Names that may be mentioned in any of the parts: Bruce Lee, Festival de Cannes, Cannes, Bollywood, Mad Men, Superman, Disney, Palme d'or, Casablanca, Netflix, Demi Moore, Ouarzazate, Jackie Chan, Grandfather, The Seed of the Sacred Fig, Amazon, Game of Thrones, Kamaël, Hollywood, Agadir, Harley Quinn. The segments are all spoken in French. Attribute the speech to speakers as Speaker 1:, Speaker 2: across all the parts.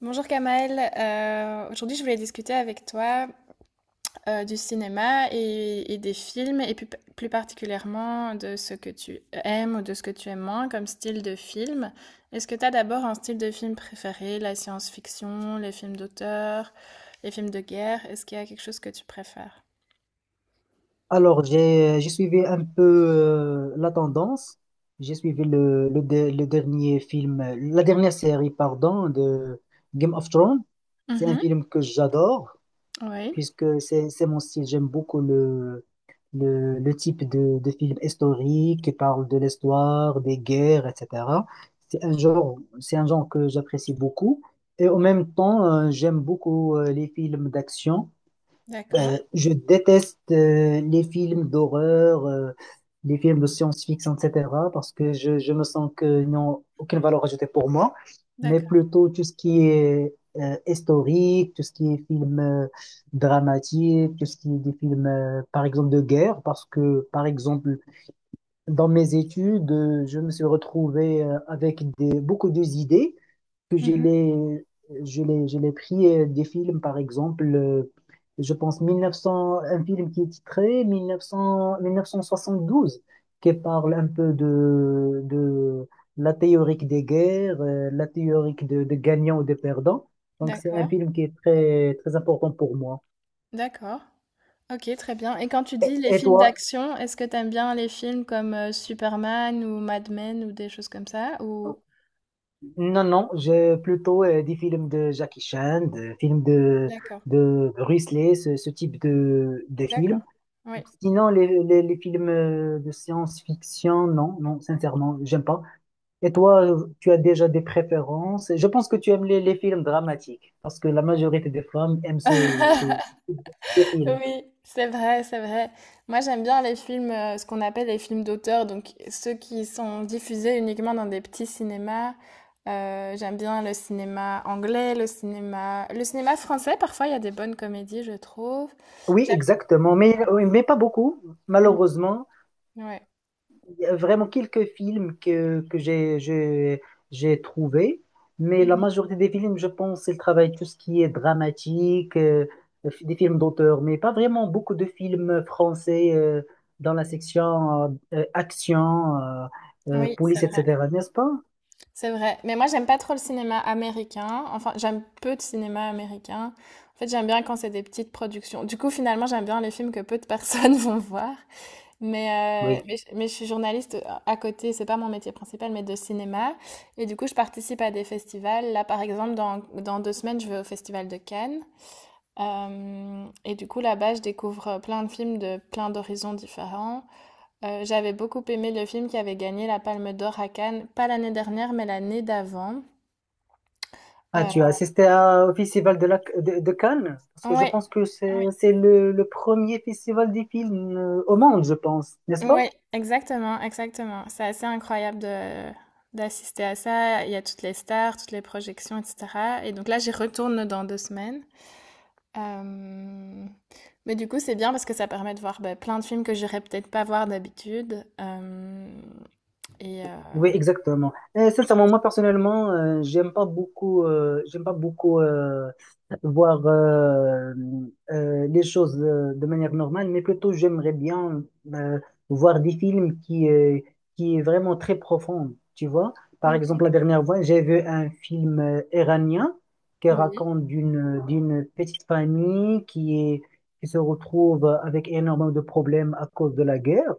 Speaker 1: Bonjour Kamaël. Aujourd'hui je voulais discuter avec toi du cinéma et des films et plus particulièrement de ce que tu aimes ou de ce que tu aimes moins comme style de film. Est-ce que tu as d'abord un style de film préféré, la science-fiction, les films d'auteur, les films de guerre? Est-ce qu'il y a quelque chose que tu préfères?
Speaker 2: Alors, j'ai suivi un peu la tendance. J'ai suivi le dernier film, la dernière série, pardon, de Game of Thrones. C'est un
Speaker 1: Mhm.
Speaker 2: film que j'adore,
Speaker 1: Oui.
Speaker 2: puisque c'est mon style. J'aime beaucoup le type de film historique qui parle de l'histoire, des guerres, etc. C'est un genre que j'apprécie beaucoup. Et en même temps, j'aime beaucoup les films d'action.
Speaker 1: D'accord.
Speaker 2: Ben, je déteste les films d'horreur, les films de science-fiction, etc. parce que je me sens qu'ils n'ont aucune valeur ajoutée pour moi, mais
Speaker 1: D'accord.
Speaker 2: plutôt tout ce qui est historique, tout ce qui est film dramatique, tout ce qui est des films, par exemple, de guerre, parce que, par exemple, dans mes études, je me suis retrouvé avec beaucoup d'idées que je
Speaker 1: Mhm.
Speaker 2: l'ai je l'ai je l'ai pris des films, par exemple, je pense, 1900, un film qui est titré 1972, qui parle un peu de la théorie des guerres, la théorie de gagnants ou de perdants. Donc c'est un
Speaker 1: D'accord.
Speaker 2: film qui est très très important pour moi.
Speaker 1: D'accord. OK, très bien. Et quand tu
Speaker 2: et,
Speaker 1: dis les
Speaker 2: et
Speaker 1: films
Speaker 2: toi?
Speaker 1: d'action, est-ce que t'aimes bien les films comme Superman ou Mad Men ou des choses comme ça ou...
Speaker 2: Non, non, j'ai plutôt des films de Jackie Chan, des films de,
Speaker 1: D'accord,
Speaker 2: de Bruce Lee, ce type de films.
Speaker 1: d'accord. Oui.
Speaker 2: Sinon, les films de science-fiction, non, non, sincèrement, j'aime pas. Et toi, tu as déjà des préférences? Je pense que tu aimes les films dramatiques, parce que la majorité des femmes aiment ce type de film.
Speaker 1: Oui, c'est vrai, c'est vrai. Moi, j'aime bien les films, ce qu'on appelle les films d'auteur, donc ceux qui sont diffusés uniquement dans des petits cinémas. J'aime bien le cinéma anglais, le cinéma français. Parfois, il y a des bonnes comédies, je trouve.
Speaker 2: Oui,
Speaker 1: J'aime-
Speaker 2: exactement, mais, oui, mais pas beaucoup, malheureusement.
Speaker 1: Ouais.
Speaker 2: Il y a vraiment quelques films que j'ai trouvés, mais la
Speaker 1: Mhm.
Speaker 2: majorité des films, je pense, ils travaillent tout ce qui est dramatique, des films d'auteur, mais pas vraiment beaucoup de films français dans la section action,
Speaker 1: Oui, c'est
Speaker 2: police,
Speaker 1: vrai.
Speaker 2: etc., n'est-ce pas?
Speaker 1: C'est vrai. Mais moi, j'aime pas trop le cinéma américain. Enfin, j'aime peu de cinéma américain. En fait, j'aime bien quand c'est des petites productions. Du coup, finalement, j'aime bien les films que peu de personnes vont voir. Mais,
Speaker 2: Oui.
Speaker 1: euh, mais, je mais je suis journaliste à côté, c'est pas mon métier principal, mais de cinéma. Et du coup, je participe à des festivals. Là, par exemple, dans 2 semaines, je vais au Festival de Cannes. Et du coup, là-bas, je découvre, plein de films de plein d'horizons différents. J'avais beaucoup aimé le film qui avait gagné la Palme d'or à Cannes, pas l'année dernière, mais l'année d'avant.
Speaker 2: Ah, tu as
Speaker 1: Heu,
Speaker 2: assisté au festival de Cannes? Parce que je
Speaker 1: ouais,
Speaker 2: pense que c'est
Speaker 1: oui,
Speaker 2: c'est le premier festival des films au monde, je pense, n'est-ce
Speaker 1: ouais,
Speaker 2: pas?
Speaker 1: exactement, exactement. C'est assez incroyable de d'assister à ça. Il y a toutes les stars, toutes les projections, et cetera. Et donc là, j'y retourne dans 2 semaines. Hem, mais du coup, c'est bien parce que ça permet de voir, bah, plein de films que j'irais peut-être pas voir d'habitude. Hem, et
Speaker 2: Oui, exactement. Et sincèrement, moi personnellement, j'aime pas beaucoup, voir les choses de manière normale, mais plutôt j'aimerais bien euh, voir des films qui est vraiment très profond, tu vois. Par
Speaker 1: OK.
Speaker 2: exemple, la dernière fois, j'ai vu un film iranien qui
Speaker 1: Oui,
Speaker 2: raconte d'une petite famille qui se retrouve avec énormément de problèmes à cause de la guerre,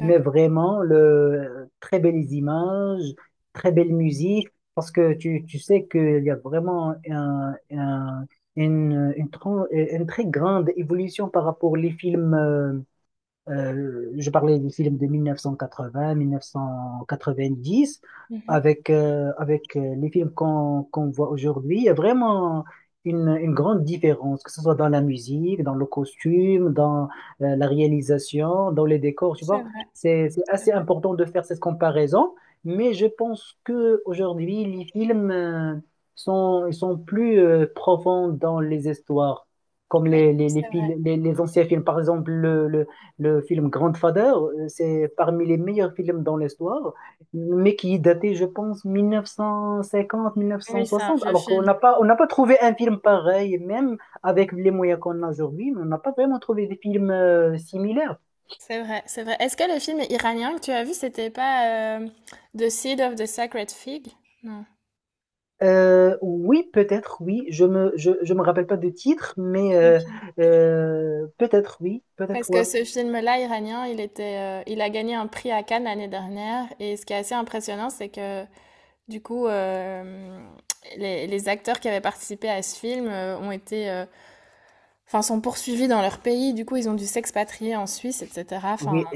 Speaker 2: mais vraiment le très belles images, très belle musique. Parce que tu sais qu'il y a vraiment un, une, tran- une très grande évolution par rapport aux films, je parlais des films de 1980, 1990,
Speaker 1: Mmh.
Speaker 2: avec les films qu'on voit aujourd'hui. Il y a vraiment une grande différence, que ce soit dans la musique, dans le costume, dans la réalisation, dans les décors, tu
Speaker 1: C'est
Speaker 2: vois.
Speaker 1: vrai,
Speaker 2: C'est
Speaker 1: c'est
Speaker 2: assez
Speaker 1: vrai.
Speaker 2: important de faire cette comparaison, mais je pense que aujourd'hui les films ils sont plus profonds dans les histoires, comme
Speaker 1: Oui,
Speaker 2: les, les, les,
Speaker 1: c'est vrai.
Speaker 2: fil- les, les anciens films. Par exemple, le film Grandfather, c'est parmi les meilleurs films dans l'histoire, mais qui est daté, je pense,
Speaker 1: Oui, c'est un
Speaker 2: 1950-1960.
Speaker 1: vieux
Speaker 2: Alors qu'on
Speaker 1: film.
Speaker 2: n'a pas, on n'a pas trouvé un film pareil, même avec les moyens qu'on a aujourd'hui, mais on n'a pas vraiment trouvé des films similaires.
Speaker 1: C'est vrai, c'est vrai. Est-ce que le film iranien que tu as vu, c'était pas, The Seed of the Sacred Fig? Non.
Speaker 2: Oui, peut-être, oui. Je me rappelle pas de titre, mais
Speaker 1: OK.
Speaker 2: peut-être, oui,
Speaker 1: Parce
Speaker 2: peut-être, ouais.
Speaker 1: que ce film-là iranien, il était, il a gagné un prix à Cannes l'année dernière et ce qui est assez impressionnant, c'est que du coup, les acteurs qui avaient participé à ce film, ont été, enfin sont poursuivis dans leur pays. Du coup, ils ont dû s'expatrier en Suisse et cetera. Enfin,
Speaker 2: Oui.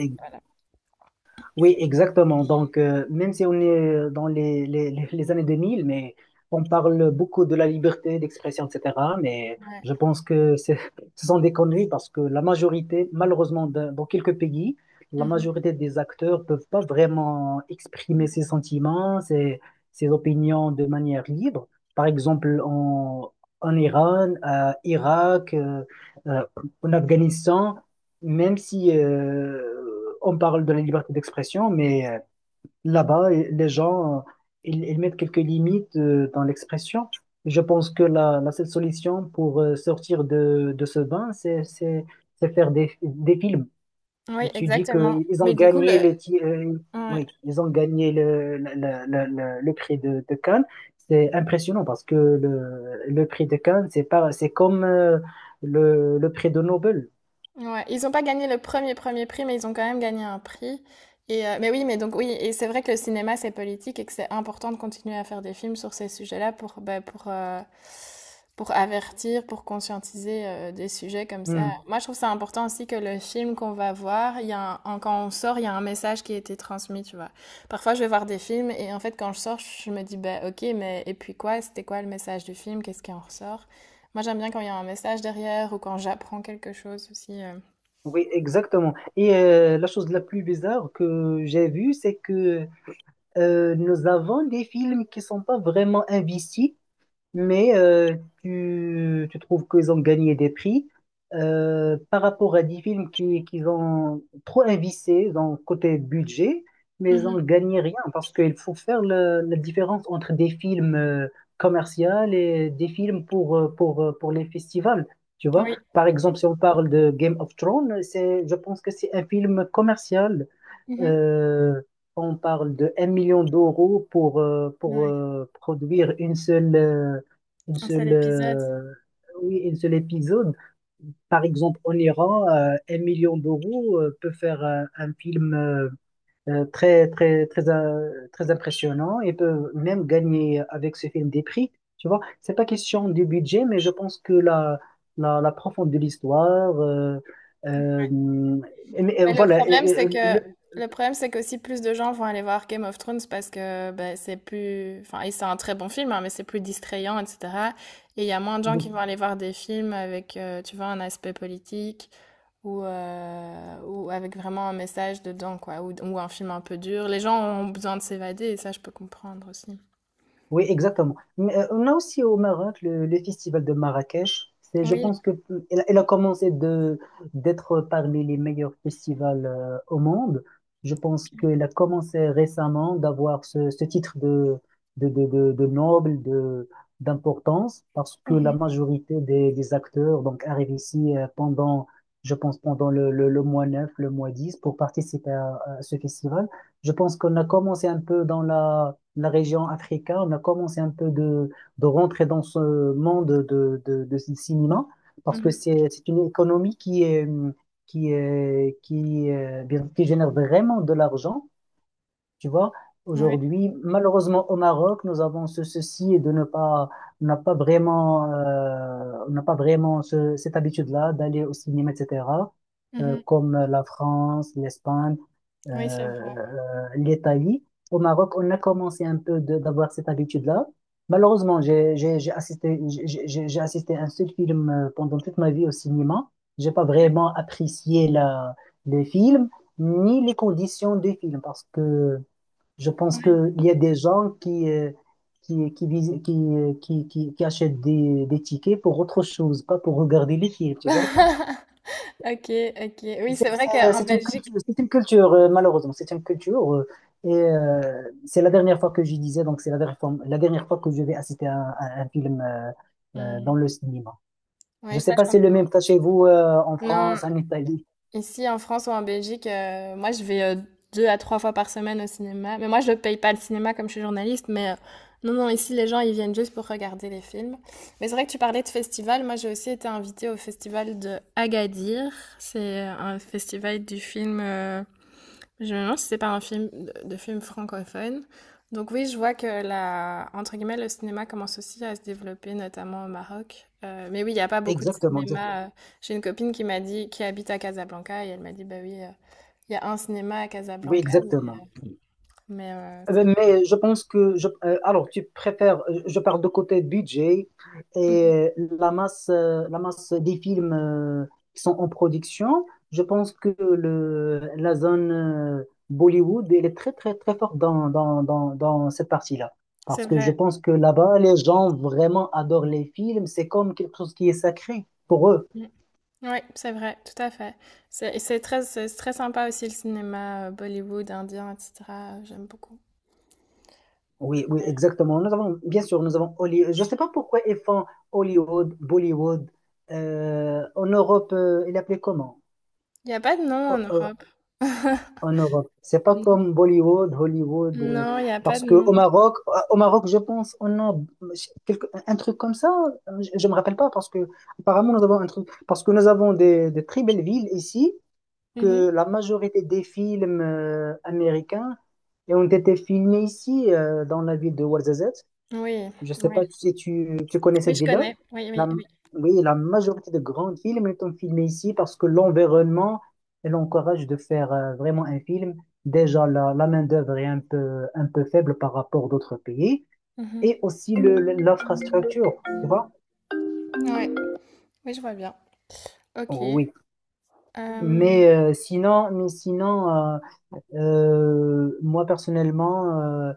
Speaker 2: Oui, exactement. Donc, même si on est dans les années 2000, mais on parle beaucoup de la liberté d'expression, etc. Mais
Speaker 1: ouais.
Speaker 2: je pense ce sont des conneries parce que la majorité, malheureusement, dans quelques pays, la
Speaker 1: Mmh.
Speaker 2: majorité des acteurs peuvent pas vraiment exprimer ses sentiments, ses opinions de manière libre. Par exemple, en Iran, à Irak, euh, en Afghanistan, même si on parle de la liberté d'expression, mais là-bas, les gens, ils mettent quelques limites dans l'expression. Je pense que la seule solution pour sortir de ce bain, c'est faire des films.
Speaker 1: Oui,
Speaker 2: Et tu dis
Speaker 1: exactement.
Speaker 2: qu'ils ont
Speaker 1: Mais du coup, le...
Speaker 2: gagné
Speaker 1: Ouais.
Speaker 2: oui, ils ont gagné le prix de Cannes. C'est impressionnant parce que le prix de Cannes, c'est pas, c'est comme le prix de Nobel.
Speaker 1: Ouais. Ils n'ont pas gagné le premier premier prix, mais ils ont quand même gagné un prix. Mais oui, mais donc oui, et c'est vrai que le cinéma, c'est politique et que c'est important de continuer à faire des films sur ces sujets-là pour, bah, pour avertir, pour conscientiser des sujets comme ça.
Speaker 2: Hmm.
Speaker 1: Moi, je trouve ça important aussi que le film qu'on va voir, il y a quand on sort, il y a un message qui a été transmis, tu vois. Parfois, je vais voir des films et en fait, quand je sors, je me dis, bah, ok, mais et puis quoi? C'était quoi le message du film? Qu'est-ce qui en ressort? Moi, j'aime bien quand il y a un message derrière ou quand j'apprends quelque chose aussi.
Speaker 2: Oui, exactement. Et la chose la plus bizarre que j'ai vue, c'est que nous avons des films qui sont pas vraiment investis, mais tu trouves qu'ils ont gagné des prix par rapport à des films qu'ils ont trop investi dans le côté budget, mais ils ont
Speaker 1: Mhm.
Speaker 2: gagné rien parce qu'il faut faire la différence entre des films commerciaux et des films pour les festivals. Tu vois,
Speaker 1: Oui.
Speaker 2: par exemple, si on parle de Game of Thrones, je pense que c'est un film commercial.
Speaker 1: Mhm.
Speaker 2: Euh, on parle de 1 million d'euros pour
Speaker 1: Oui.
Speaker 2: produire une
Speaker 1: Un seul
Speaker 2: seule,
Speaker 1: épisode.
Speaker 2: euh, oui, une seule épisode. Par exemple, en Iran, 1 million d'euros peut faire un film très, très, très, très impressionnant et peut même gagner avec ce film des prix. Tu vois, c'est pas question du budget, mais je pense que la profondeur de l'histoire, euh, et
Speaker 1: Mais
Speaker 2: voilà, le-
Speaker 1: le problème, c'est qu'aussi plus de gens vont aller voir Game of Thrones parce que ben, c'est plus, enfin, et c'est un très bon film, hein, mais c'est plus distrayant, etc. Et il y a moins de gens qui vont aller voir des films avec, tu vois, un aspect politique ou avec vraiment un message dedans, quoi, ou un film un peu dur. Les gens ont besoin de s'évader et ça, je peux comprendre aussi.
Speaker 2: Oui, exactement. Mais on a aussi au Maroc le festival de Marrakech. Je
Speaker 1: Oui.
Speaker 2: pense que elle a commencé de d'être parmi les meilleurs festivals au monde. Je pense qu'elle a commencé récemment d'avoir ce titre de noble, d'importance, parce que la
Speaker 1: Mhm.
Speaker 2: majorité des acteurs, donc, arrivent ici pendant, je pense, pendant le mois 9, le mois dix, pour participer à ce festival. Je pense qu'on a commencé un peu dans la région africaine. On a commencé un peu de rentrer dans ce monde de ce cinéma, parce que
Speaker 1: Mhm.
Speaker 2: c'est une économie qui est, qui est, qui, bien- qui génère vraiment de l'argent, tu vois.
Speaker 1: Ouais.
Speaker 2: Aujourd'hui, malheureusement au Maroc, nous avons ce souci de ne pas, on n'a pas vraiment, cette habitude-là d'aller au cinéma, etc.
Speaker 1: Mhm.
Speaker 2: Comme la France, l'Espagne,
Speaker 1: Oui, c'est vrai.
Speaker 2: l'Italie. Au Maroc, on a commencé un peu d'avoir cette habitude-là. Malheureusement, j'ai assisté à un seul film pendant toute ma vie au cinéma. J'ai pas vraiment apprécié les films ni les conditions des films, parce que je pense qu'il y a des gens qui achètent des tickets pour autre chose, pas pour regarder les films, tu vois.
Speaker 1: Ok, ok. Oui,
Speaker 2: C'est
Speaker 1: c'est vrai
Speaker 2: c'est-
Speaker 1: qu'en
Speaker 2: c'est une
Speaker 1: Belgique.
Speaker 2: culture, malheureusement, c'est une culture. Et c'est la dernière fois que je disais, donc c'est la dernière fois, que je vais assister à un film dans
Speaker 1: Hmm.
Speaker 2: le cinéma. Je
Speaker 1: Oui,
Speaker 2: ne sais
Speaker 1: ça, je
Speaker 2: pas si c'est
Speaker 1: comprends.
Speaker 2: le même cas chez vous, en
Speaker 1: Non,
Speaker 2: France, en Italie.
Speaker 1: ici en France ou en Belgique, moi, je vais 2 à 3 fois par semaine au cinéma. Mais moi, je ne paye pas le cinéma comme je suis journaliste. Mais non, non, ici, les gens, ils viennent juste pour regarder les films. Mais c'est vrai que tu parlais de festival. Moi, j'ai aussi été invitée au festival de Agadir. C'est un festival du film. Je me demande si c'est pas un film de film francophone. Donc oui, je vois que la, entre guillemets, le cinéma commence aussi à se développer, notamment au Maroc. Mais oui, il n'y a pas beaucoup de
Speaker 2: Exactement, exactement.
Speaker 1: cinéma. J'ai une copine qui m'a dit, qui habite à Casablanca, et elle m'a dit, bah oui, il y a un cinéma à
Speaker 2: Oui,
Speaker 1: Casablanca, mais,
Speaker 2: exactement.
Speaker 1: mais, euh, c'est vrai.
Speaker 2: Mais je pense que alors tu préfères, je parle de côté budget
Speaker 1: Mhm.
Speaker 2: et la masse des films qui sont en production. Je pense que la zone Bollywood, elle est très très très forte dans cette partie-là.
Speaker 1: C'est
Speaker 2: Parce que je
Speaker 1: vrai.
Speaker 2: pense que là-bas, les gens vraiment adorent les films. C'est comme quelque chose qui est sacré pour eux.
Speaker 1: Oui, c'est vrai, tout à fait. C'est très sympa aussi le cinéma Bollywood, indien, etc. J'aime beaucoup.
Speaker 2: Oui, oui, exactement. Nous avons, bien sûr, nous avons Hollywood. Je ne sais pas pourquoi ils font Hollywood, Bollywood. En Europe, il appelait comment?
Speaker 1: Il n'y a pas de nom en
Speaker 2: O- o-
Speaker 1: Europe.
Speaker 2: En Europe. C'est pas comme Bollywood, Hollywood.
Speaker 1: Non, il n'y a pas
Speaker 2: Parce
Speaker 1: de
Speaker 2: que
Speaker 1: nom.
Speaker 2: au Maroc, je pense, on a un truc comme ça. Je me rappelle pas parce que apparemment nous avons un truc. Parce que nous avons des très belles villes ici,
Speaker 1: Mhm.
Speaker 2: que la majorité des films américains ont été filmés ici, dans la ville de Ouarzazate.
Speaker 1: Oui,
Speaker 2: Je sais pas
Speaker 1: oui.
Speaker 2: si tu connais
Speaker 1: Oui,
Speaker 2: cette
Speaker 1: je
Speaker 2: ville-là.
Speaker 1: connais. Oui, oui,
Speaker 2: La-
Speaker 1: oui.
Speaker 2: oui, la majorité de grandes films sont filmés ici parce que l'environnement elle encourage de faire vraiment un film. Déjà, la main-d'œuvre est un peu faible par rapport à d'autres pays,
Speaker 1: Mhm.
Speaker 2: et aussi l'infrastructure, tu vois?
Speaker 1: Ouais. Oui, je vois bien. Ok.
Speaker 2: Oui,
Speaker 1: Euh,
Speaker 2: mais sinon moi personnellement, euh,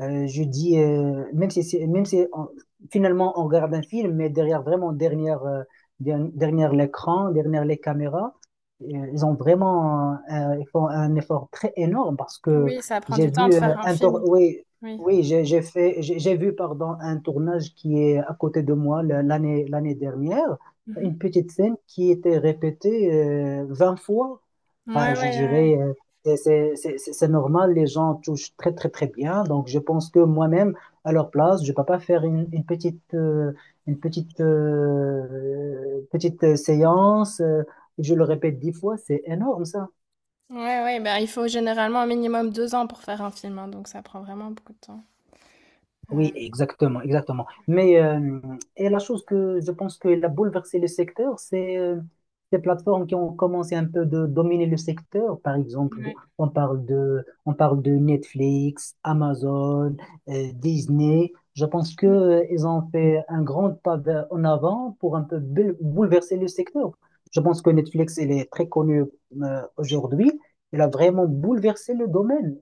Speaker 2: Euh, je dis, même si, c'est- même si on- finalement on regarde un film, mais derrière vraiment, derrière, derrière l'écran, derrière les caméras, ils ont vraiment, ils font un effort très énorme, parce que
Speaker 1: oui, ça prend
Speaker 2: j'ai
Speaker 1: du temps de
Speaker 2: vu
Speaker 1: faire un film.
Speaker 2: oui,
Speaker 1: Oui.
Speaker 2: oui, j'ai fait, j'ai vu, pardon, un tournage qui est à côté de moi l'année dernière,
Speaker 1: Mhm.
Speaker 2: une petite scène qui était répétée 20 fois.
Speaker 1: Ouais,
Speaker 2: Enfin,
Speaker 1: ouais,
Speaker 2: je
Speaker 1: ouais.
Speaker 2: dirais c'est normal, les gens touchent très très très bien. Donc je pense que moi-même, à leur place, je ne peux pas faire petite séance. Je le répète 10 fois, c'est énorme ça.
Speaker 1: Ouais, ouais, ben, il faut généralement un minimum 2 ans pour faire un film, hein, donc ça prend vraiment beaucoup de temps. Euh,
Speaker 2: Oui, exactement, exactement. Et la chose que je pense qu'elle a bouleversé le secteur, c'est ces plateformes qui ont commencé un peu de dominer le secteur. Par exemple,
Speaker 1: ouais.
Speaker 2: on parle de Netflix, Amazon, Disney. Je pense que
Speaker 1: Mm.
Speaker 2: ils ont fait un grand pas en avant pour un peu bouleverser le secteur. Je pense que Netflix, il est très connu aujourd'hui. Il a vraiment bouleversé le domaine.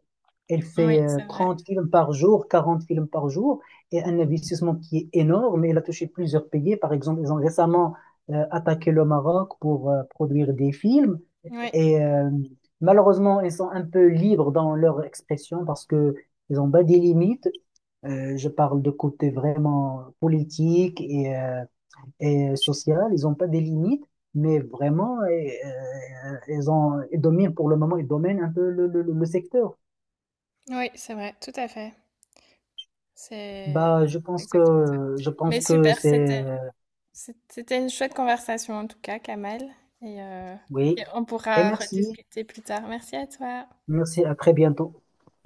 Speaker 2: Elle
Speaker 1: Oui,
Speaker 2: fait
Speaker 1: c'est vrai.
Speaker 2: 30 films par jour, 40 films par jour, et un investissement qui est énorme. Elle a touché plusieurs pays. Par exemple, ils ont récemment attaqué le Maroc pour produire des films.
Speaker 1: Oui,
Speaker 2: Et malheureusement, ils sont un peu libres dans leur expression parce que ils ont pas des limites. Je parle de côté vraiment politique et social. Ils ont pas des limites, mais vraiment, ils dominent pour le moment, ils dominent un peu le secteur.
Speaker 1: oui, c'est vrai, tout à fait. C'est
Speaker 2: Bah,
Speaker 1: c'est exactement ça.
Speaker 2: je pense
Speaker 1: Mais
Speaker 2: que
Speaker 1: super,
Speaker 2: c'est
Speaker 1: c'était. C'était une chouette conversation en tout cas, Kamal. Et, euh,
Speaker 2: oui.
Speaker 1: et on
Speaker 2: Et
Speaker 1: pourra
Speaker 2: merci.
Speaker 1: rediscuter plus tard. Merci à toi.
Speaker 2: Merci, à très bientôt.